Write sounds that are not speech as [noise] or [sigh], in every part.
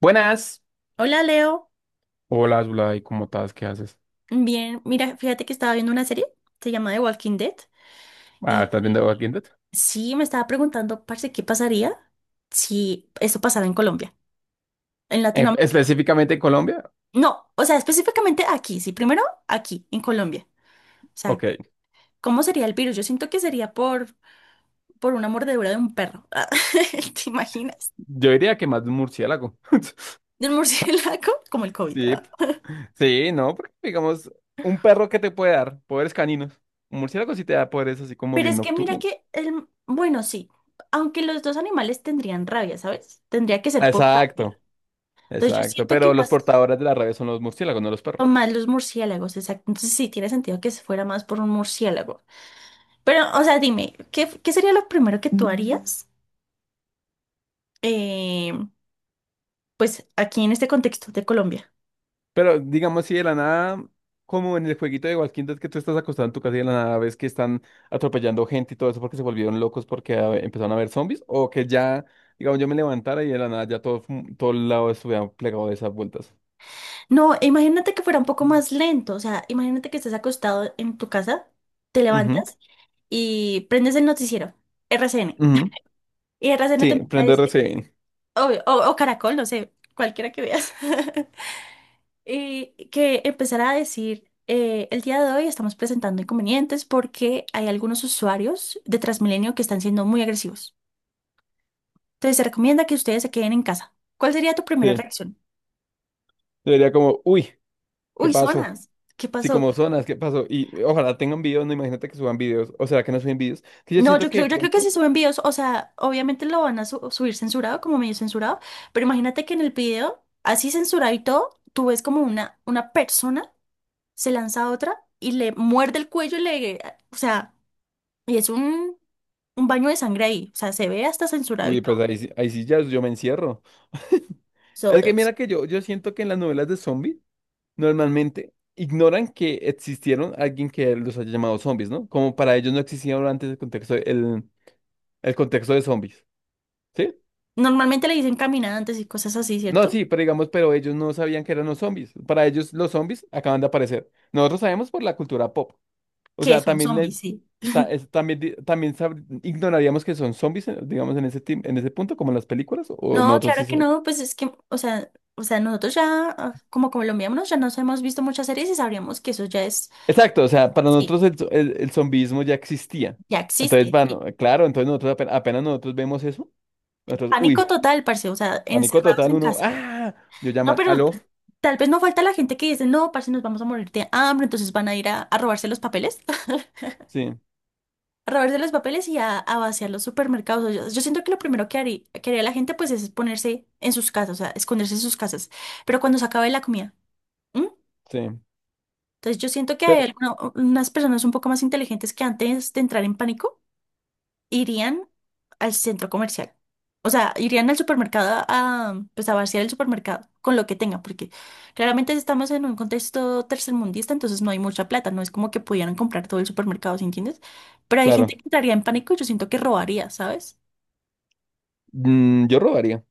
Buenas. Hola, Leo, Hola, Zulay, ¿cómo estás? ¿Qué haces? bien, mira, fíjate que estaba viendo una serie, se llama The Walking Dead, Ah, y, ¿estás viendo aquí y en Twitter? sí me estaba preguntando, parce, ¿qué pasaría si esto pasara en Colombia, en Latinoamérica? Específicamente Colombia. No, o sea, específicamente aquí, sí, primero aquí, en Colombia. O sea, Ok, ¿cómo sería el virus? Yo siento que sería por una mordedura de un perro, [laughs] ¿te imaginas? yo diría que más de un murciélago. [laughs] De un murciélago, [laughs] como el COVID. Sí, Ah. Sí, no, porque digamos, un perro que te puede dar poderes caninos. Un murciélago sí te da poderes así como Pero bien es que mira nocturno. que, el, bueno, sí, aunque los dos animales tendrían rabia, ¿sabes? Tendría que ser por rabia. Exacto, Entonces yo exacto. siento que Pero los más portadores de la rabia son los murciélagos, no los son perros. más los murciélagos, exacto. Entonces sí tiene sentido que se fuera más por un murciélago. Pero, o sea, dime, ¿qué sería lo primero que tú harías? eh, pues aquí en este contexto de Colombia. Pero digamos, si de la nada, como en el jueguito de Walking Dead, que tú estás acostado en tu casa y de la nada ves que están atropellando gente y todo eso porque se volvieron locos porque empezaron a ver zombies, o que ya, digamos, yo me levantara y de la nada ya todo, todo el lado estuviera plegado de esas vueltas. No, imagínate que fuera un poco más lento. O sea, imagínate que estés acostado en tu casa, te Ujú, levantas y prendes el noticiero, RCN. ujú. Y RCN te Sí, empieza a prende decir, RCN. obvio, o Caracol, no sé, cualquiera que veas. [laughs] Que empezara a decir, el día de hoy estamos presentando inconvenientes porque hay algunos usuarios de Transmilenio que están siendo muy agresivos. Entonces se recomienda que ustedes se queden en casa. ¿Cuál sería tu primera Sí, reacción? sería como, uy, ¿qué Uy, pasó? zonas. ¿Qué Sí, pasó? como zonas, ¿qué pasó? Y ojalá tengan videos, no, imagínate que suban videos, o será que no suben videos, que yo No, siento que de yo creo que pronto, si suben videos, o sea, obviamente lo van a subir censurado, como medio censurado, pero imagínate que en el video, así censurado y todo, tú ves como una persona se lanza a otra y le muerde el cuello y le, o sea, y es un baño de sangre ahí. O sea, se ve hasta censurado y uy, pues todo. ahí, ahí sí ya yo me encierro. [laughs] So, Es que mira que yo siento que en las novelas de zombies normalmente ignoran que existieron alguien que los haya llamado zombies, ¿no? Como para ellos no existía antes el contexto, el contexto de zombies, ¿sí? normalmente le dicen caminantes y cosas así, No, ¿cierto? sí, pero digamos, pero ellos no sabían que eran los zombies. Para ellos los zombies acaban de aparecer. Nosotros sabemos por la cultura pop. O Que sea, son también, zombies, sí. También, también ignoraríamos que son zombies, digamos, en ese, en ese punto, como en las películas, o No, nosotros claro que sí. no, pues es que, o sea, nosotros ya, ah, como colombianos, ya nos hemos visto muchas series y sabríamos que eso ya es, Exacto, o sea, para sí, nosotros el, el zombismo ya existía. ya Entonces, existe, bueno, sí. claro, entonces nosotros apenas, nosotros vemos eso, nosotros, Pánico uy, total, parce, o sea, pánico encerrados total, en uno, casa. ah, yo No, llamar, pero aló, tal vez no falta la gente que dice, no, parce, nos vamos a morir de hambre, entonces van a ir a robarse los papeles. [laughs] sí, A robarse los papeles y a vaciar los supermercados. O yo siento que lo primero que haría la gente pues es ponerse en sus casas, o sea, esconderse en sus casas, pero cuando se acabe la comida. ¿M? sí, Entonces yo siento que hay pero, unas personas un poco más inteligentes que antes de entrar en pánico irían al centro comercial. O sea, irían al supermercado a, pues a vaciar el supermercado con lo que tengan, porque claramente estamos en un contexto tercermundista, entonces no hay mucha plata, no es como que pudieran comprar todo el supermercado, ¿sí entiendes? Pero hay gente claro, que entraría en pánico y yo siento que robaría, ¿sabes? mm, yo robaría,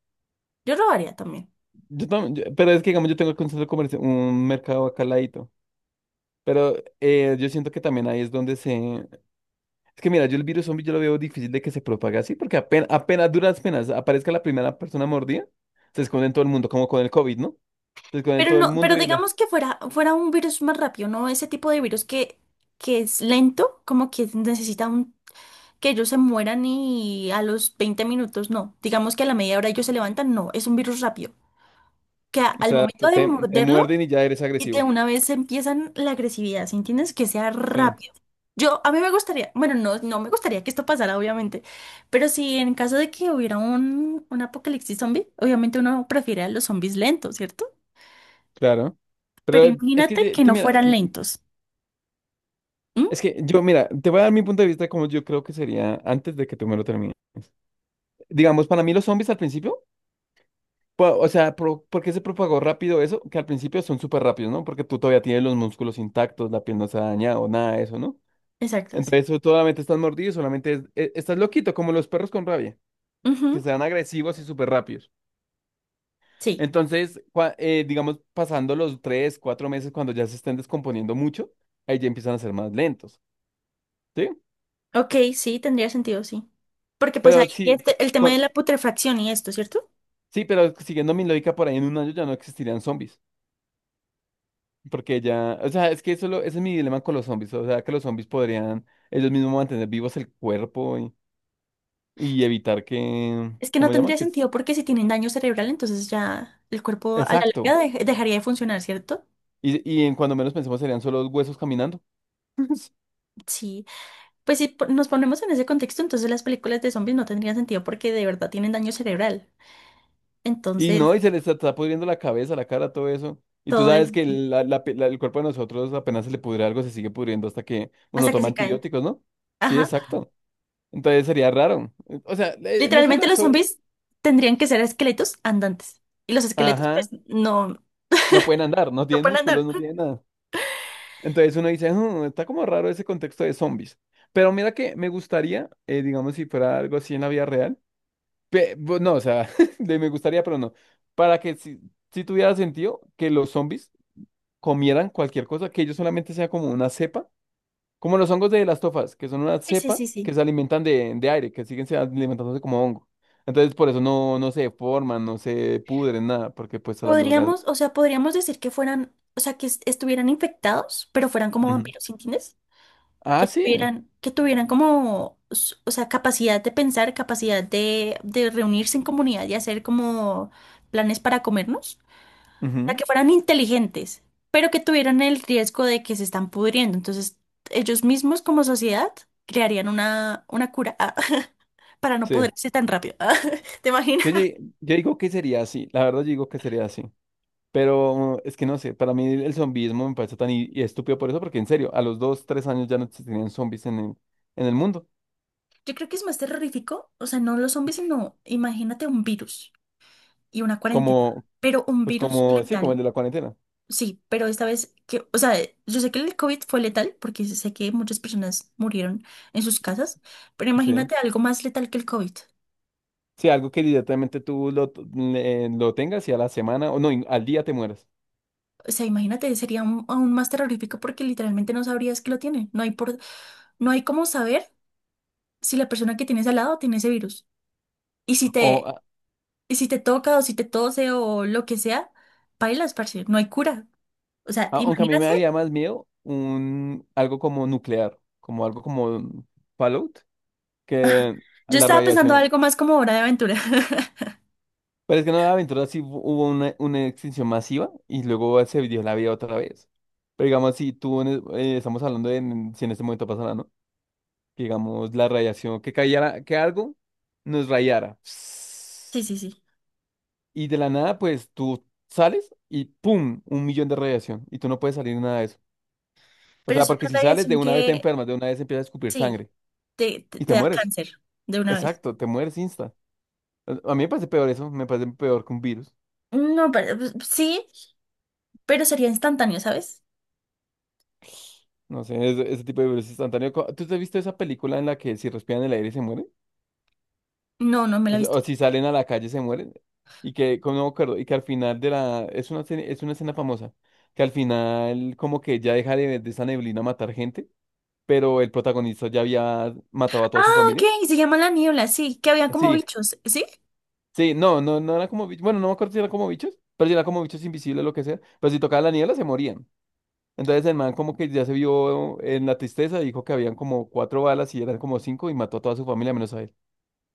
Yo robaría también. yo, pero es que, digamos, yo tengo aquí un centro comercial, un mercado acá al ladito, pero yo siento que también ahí es donde se, es que mira, yo el virus zombie yo lo veo difícil de que se propague así, porque apenas, apenas duras penas aparezca la primera persona mordida, se esconde en todo el mundo, como con el COVID, ¿no? Se esconde en Pero todo el no, mundo pero y la... digamos que fuera un virus más rápido, ¿no? Ese tipo de virus que es lento, como que necesita un que ellos se mueran y a los 20 minutos no. Digamos que a la media hora ellos se levantan, no, es un virus rápido. Que O al sea, momento de te morderlo, muerden y ya eres y de agresivo. una vez empiezan la agresividad, ¿sí entiendes? Que sea Sí, rápido. Yo, a mí me gustaría, bueno, no, no me gustaría que esto pasara, obviamente, pero si en caso de que hubiera un apocalipsis zombie, obviamente uno prefiere a los zombies lentos, ¿cierto? claro. Pero Pero es que, imagínate que no mira, fueran mm, lentos. ¿M? es que yo, mira, te voy a dar mi punto de vista como yo creo que sería antes de que tú me lo termines. Digamos, para mí los zombies al principio, o sea, ¿por qué se propagó rápido eso? Que al principio son súper rápidos, ¿no? Porque tú todavía tienes los músculos intactos, la piel no se ha dañado, nada de eso, ¿no? Exacto, sí. Entonces, tú solamente estás mordido, solamente estás loquito, como los perros con rabia, que Ujú, se dan agresivos y súper rápidos. sí. Entonces, digamos, pasando los tres, cuatro meses, cuando ya se estén descomponiendo mucho, ahí ya empiezan a ser más lentos, ¿sí? Ok, sí, tendría sentido, sí. Porque pues Pero ahí sí, este, el tema de la putrefacción y esto, ¿cierto? sí, pero siguiendo mi lógica, por ahí en un año ya no existirían zombies, porque ya, o sea, es que ese es mi dilema con los zombies, o sea, que los zombies podrían ellos mismos mantener vivos el cuerpo y evitar que, Es que no ¿cómo se llama? tendría Que es, sentido porque si tienen daño cerebral, entonces ya el cuerpo a la exacto. larga dejaría de funcionar, ¿cierto? Y en cuando menos pensemos serían solo huesos caminando. [laughs] Sí. Pues si nos ponemos en ese contexto, entonces las películas de zombies no tendrían sentido porque de verdad tienen daño cerebral. Y no, y Entonces, se le está, está pudriendo la cabeza, la cara, todo eso. Y tú todo es sabes que así, el cuerpo de nosotros apenas se le pudre algo, se sigue pudriendo hasta que uno hasta que toma se caen. antibióticos, ¿no? Sí, Ajá. exacto. Entonces sería raro. O sea, en eso Literalmente las... los so- zombies tendrían que ser esqueletos andantes. Y los esqueletos, pues, Ajá. no, No pueden andar, no no tienen pueden andar. músculos, no tienen nada. Entonces uno dice, "Hmm, está como raro ese contexto de zombies. Pero mira que me gustaría, digamos, si fuera algo así en la vida real. No, o sea, [laughs] de me gustaría, pero no. Para que si, si tuviera sentido que los zombies comieran cualquier cosa, que ellos solamente sea como una cepa, como los hongos de las tofas, que son una Sí, sí, cepa sí, que sí. se alimentan de aire, que siguen se alimentándose como hongo. Entonces, por eso no, no se deforman, no se pudren, nada, porque pues a la larga Podríamos, o sea, podríamos decir que fueran, o sea, que estuvieran infectados, pero fueran como Ujú. vampiros, ¿sí entiendes? Ah, sí. Que tuvieran como, s- o sea, capacidad de pensar, capacidad de reunirse en comunidad y hacer como planes para comernos. O sea, Ujú. que fueran inteligentes, pero que tuvieran el riesgo de que se están pudriendo. Entonces, ellos mismos como sociedad crearían una cura, ah, [laughs] para no Sí. pudrirse tan rápido. [laughs] ¿Te imaginas? Yo, yo digo que sería así, la verdad yo digo que sería así. Pero es que no sé, para mí el zombismo me parece tan estúpido por eso, porque en serio, a los dos, tres años ya no se tenían zombies en el mundo. Yo creo que es más terrorífico, o sea, no los zombies, sino imagínate un virus. Y una cuarentena, Como, pero un pues virus como, sí, como letal. el de la cuarentena. Sí, pero esta vez que, o sea, yo sé que el COVID fue letal porque sé que muchas personas murieron en sus casas, pero Sí. imagínate algo más letal que el COVID. Sí, algo que directamente tú lo, t- le- lo tengas y a la semana, o no, y al día te mueras. O sea, imagínate, sería aún aún más terrorífico porque literalmente no sabrías que lo tiene. No hay por, no hay cómo saber si la persona que tienes al lado tiene ese virus. Y si O, te, a- y si te toca o si te tose o lo que sea, pailas, parce, no hay cura. O sea, aunque a mí me daría imagínate, más miedo un, algo como nuclear, como algo como Fallout, que yo la estaba pensando radiación. algo más como hora de aventura. [laughs] Pero es que no, la aventura sí hubo una extinción masiva y luego se dio la vida otra vez. Pero digamos, si tú, estamos hablando si en este momento pasara, ¿no? Que digamos, la radiación, que cayera, que algo nos rayara. Sí, [sniffs] sí, sí. Y de la nada, pues tú sales y ¡pum! Un millón de radiación. Y tú no puedes salir de nada de eso. O Pero sea, es una porque si sales de radiación una vez te que, enfermas, de una vez empiezas a escupir sí, sangre y te te da mueres. cáncer de una vez. Exacto, te mueres insta. A mí me parece peor eso, me parece peor que un virus. No, pero pues, sí, pero sería instantáneo, ¿sabes? No sé, ese tipo de virus instantáneo. Co- ¿Tú te has visto esa película en la que si respiran el aire se mueren? No, no me la O he sea, visto. o si salen a la calle se mueren. Y que, como no me acuerdo, y que al final de la... Es una, es una escena famosa. Que al final como que ya deja de esa neblina matar gente, pero el protagonista ya había matado a Ah, toda su familia. ok, se llama La Niebla, sí, que había como Sí, bichos, ¿sí? sí, no, no, no era como bichos. Bueno, no me acuerdo si era como bichos, pero si era como bichos invisibles, lo que sea. Pero si tocaba la niebla, se morían. Entonces el man como que ya se vio en la tristeza, dijo que habían como cuatro balas y eran como cinco y mató a toda su familia menos a él.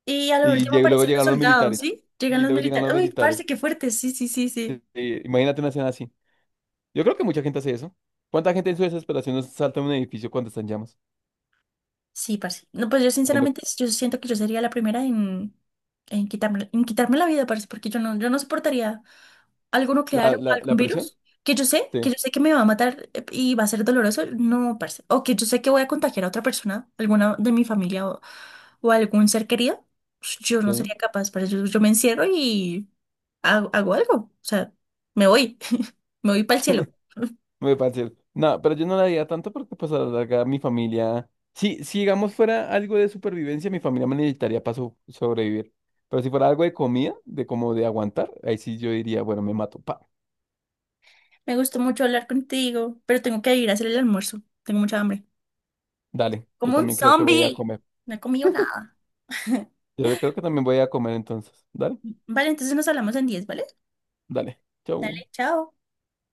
Y a lo Y último luego aparecen los llegaron los soldados, militares. ¿sí? Llegan Y los luego llegan militares. los Uy, militares. parce, qué fuerte, sí, sí, sí, sí. Imagínate una escena así. Yo creo que mucha gente hace eso. ¿Cuánta gente en su desesperación no salta en un edificio cuando está en llamas? Sí, parce. No, pues yo sinceramente, yo siento que yo sería la primera en, en quitarme la vida, parce, porque yo no, yo no soportaría. Alguno La, quedaron, la, algún la presión. virus, Sí, que yo sé que me va a matar, y va a ser doloroso, no, parce. O que yo sé que voy a contagiar a otra persona, alguna de mi familia o algún ser querido, pues, yo no sí. sería capaz, parce. Yo me encierro y hago, hago algo, o sea, me voy, [laughs] me voy para el cielo. [laughs] Me parece. No, pero yo no la haría tanto porque pues a la larga mi familia, si, si digamos fuera algo de supervivencia, mi familia me necesitaría para sobrevivir. Pero si fuera algo de comida, de como de aguantar, ahí sí yo diría, bueno, me mato, pa, Me gustó mucho hablar contigo, pero tengo que ir a hacer el almuerzo, tengo mucha hambre. dale, yo Como un también creo que voy a zombie, comer. no he comido nada. [laughs] Yo creo que también voy a comer entonces. Dale, Vale, entonces nos hablamos en 10, ¿vale? dale, chau. Dale, chao.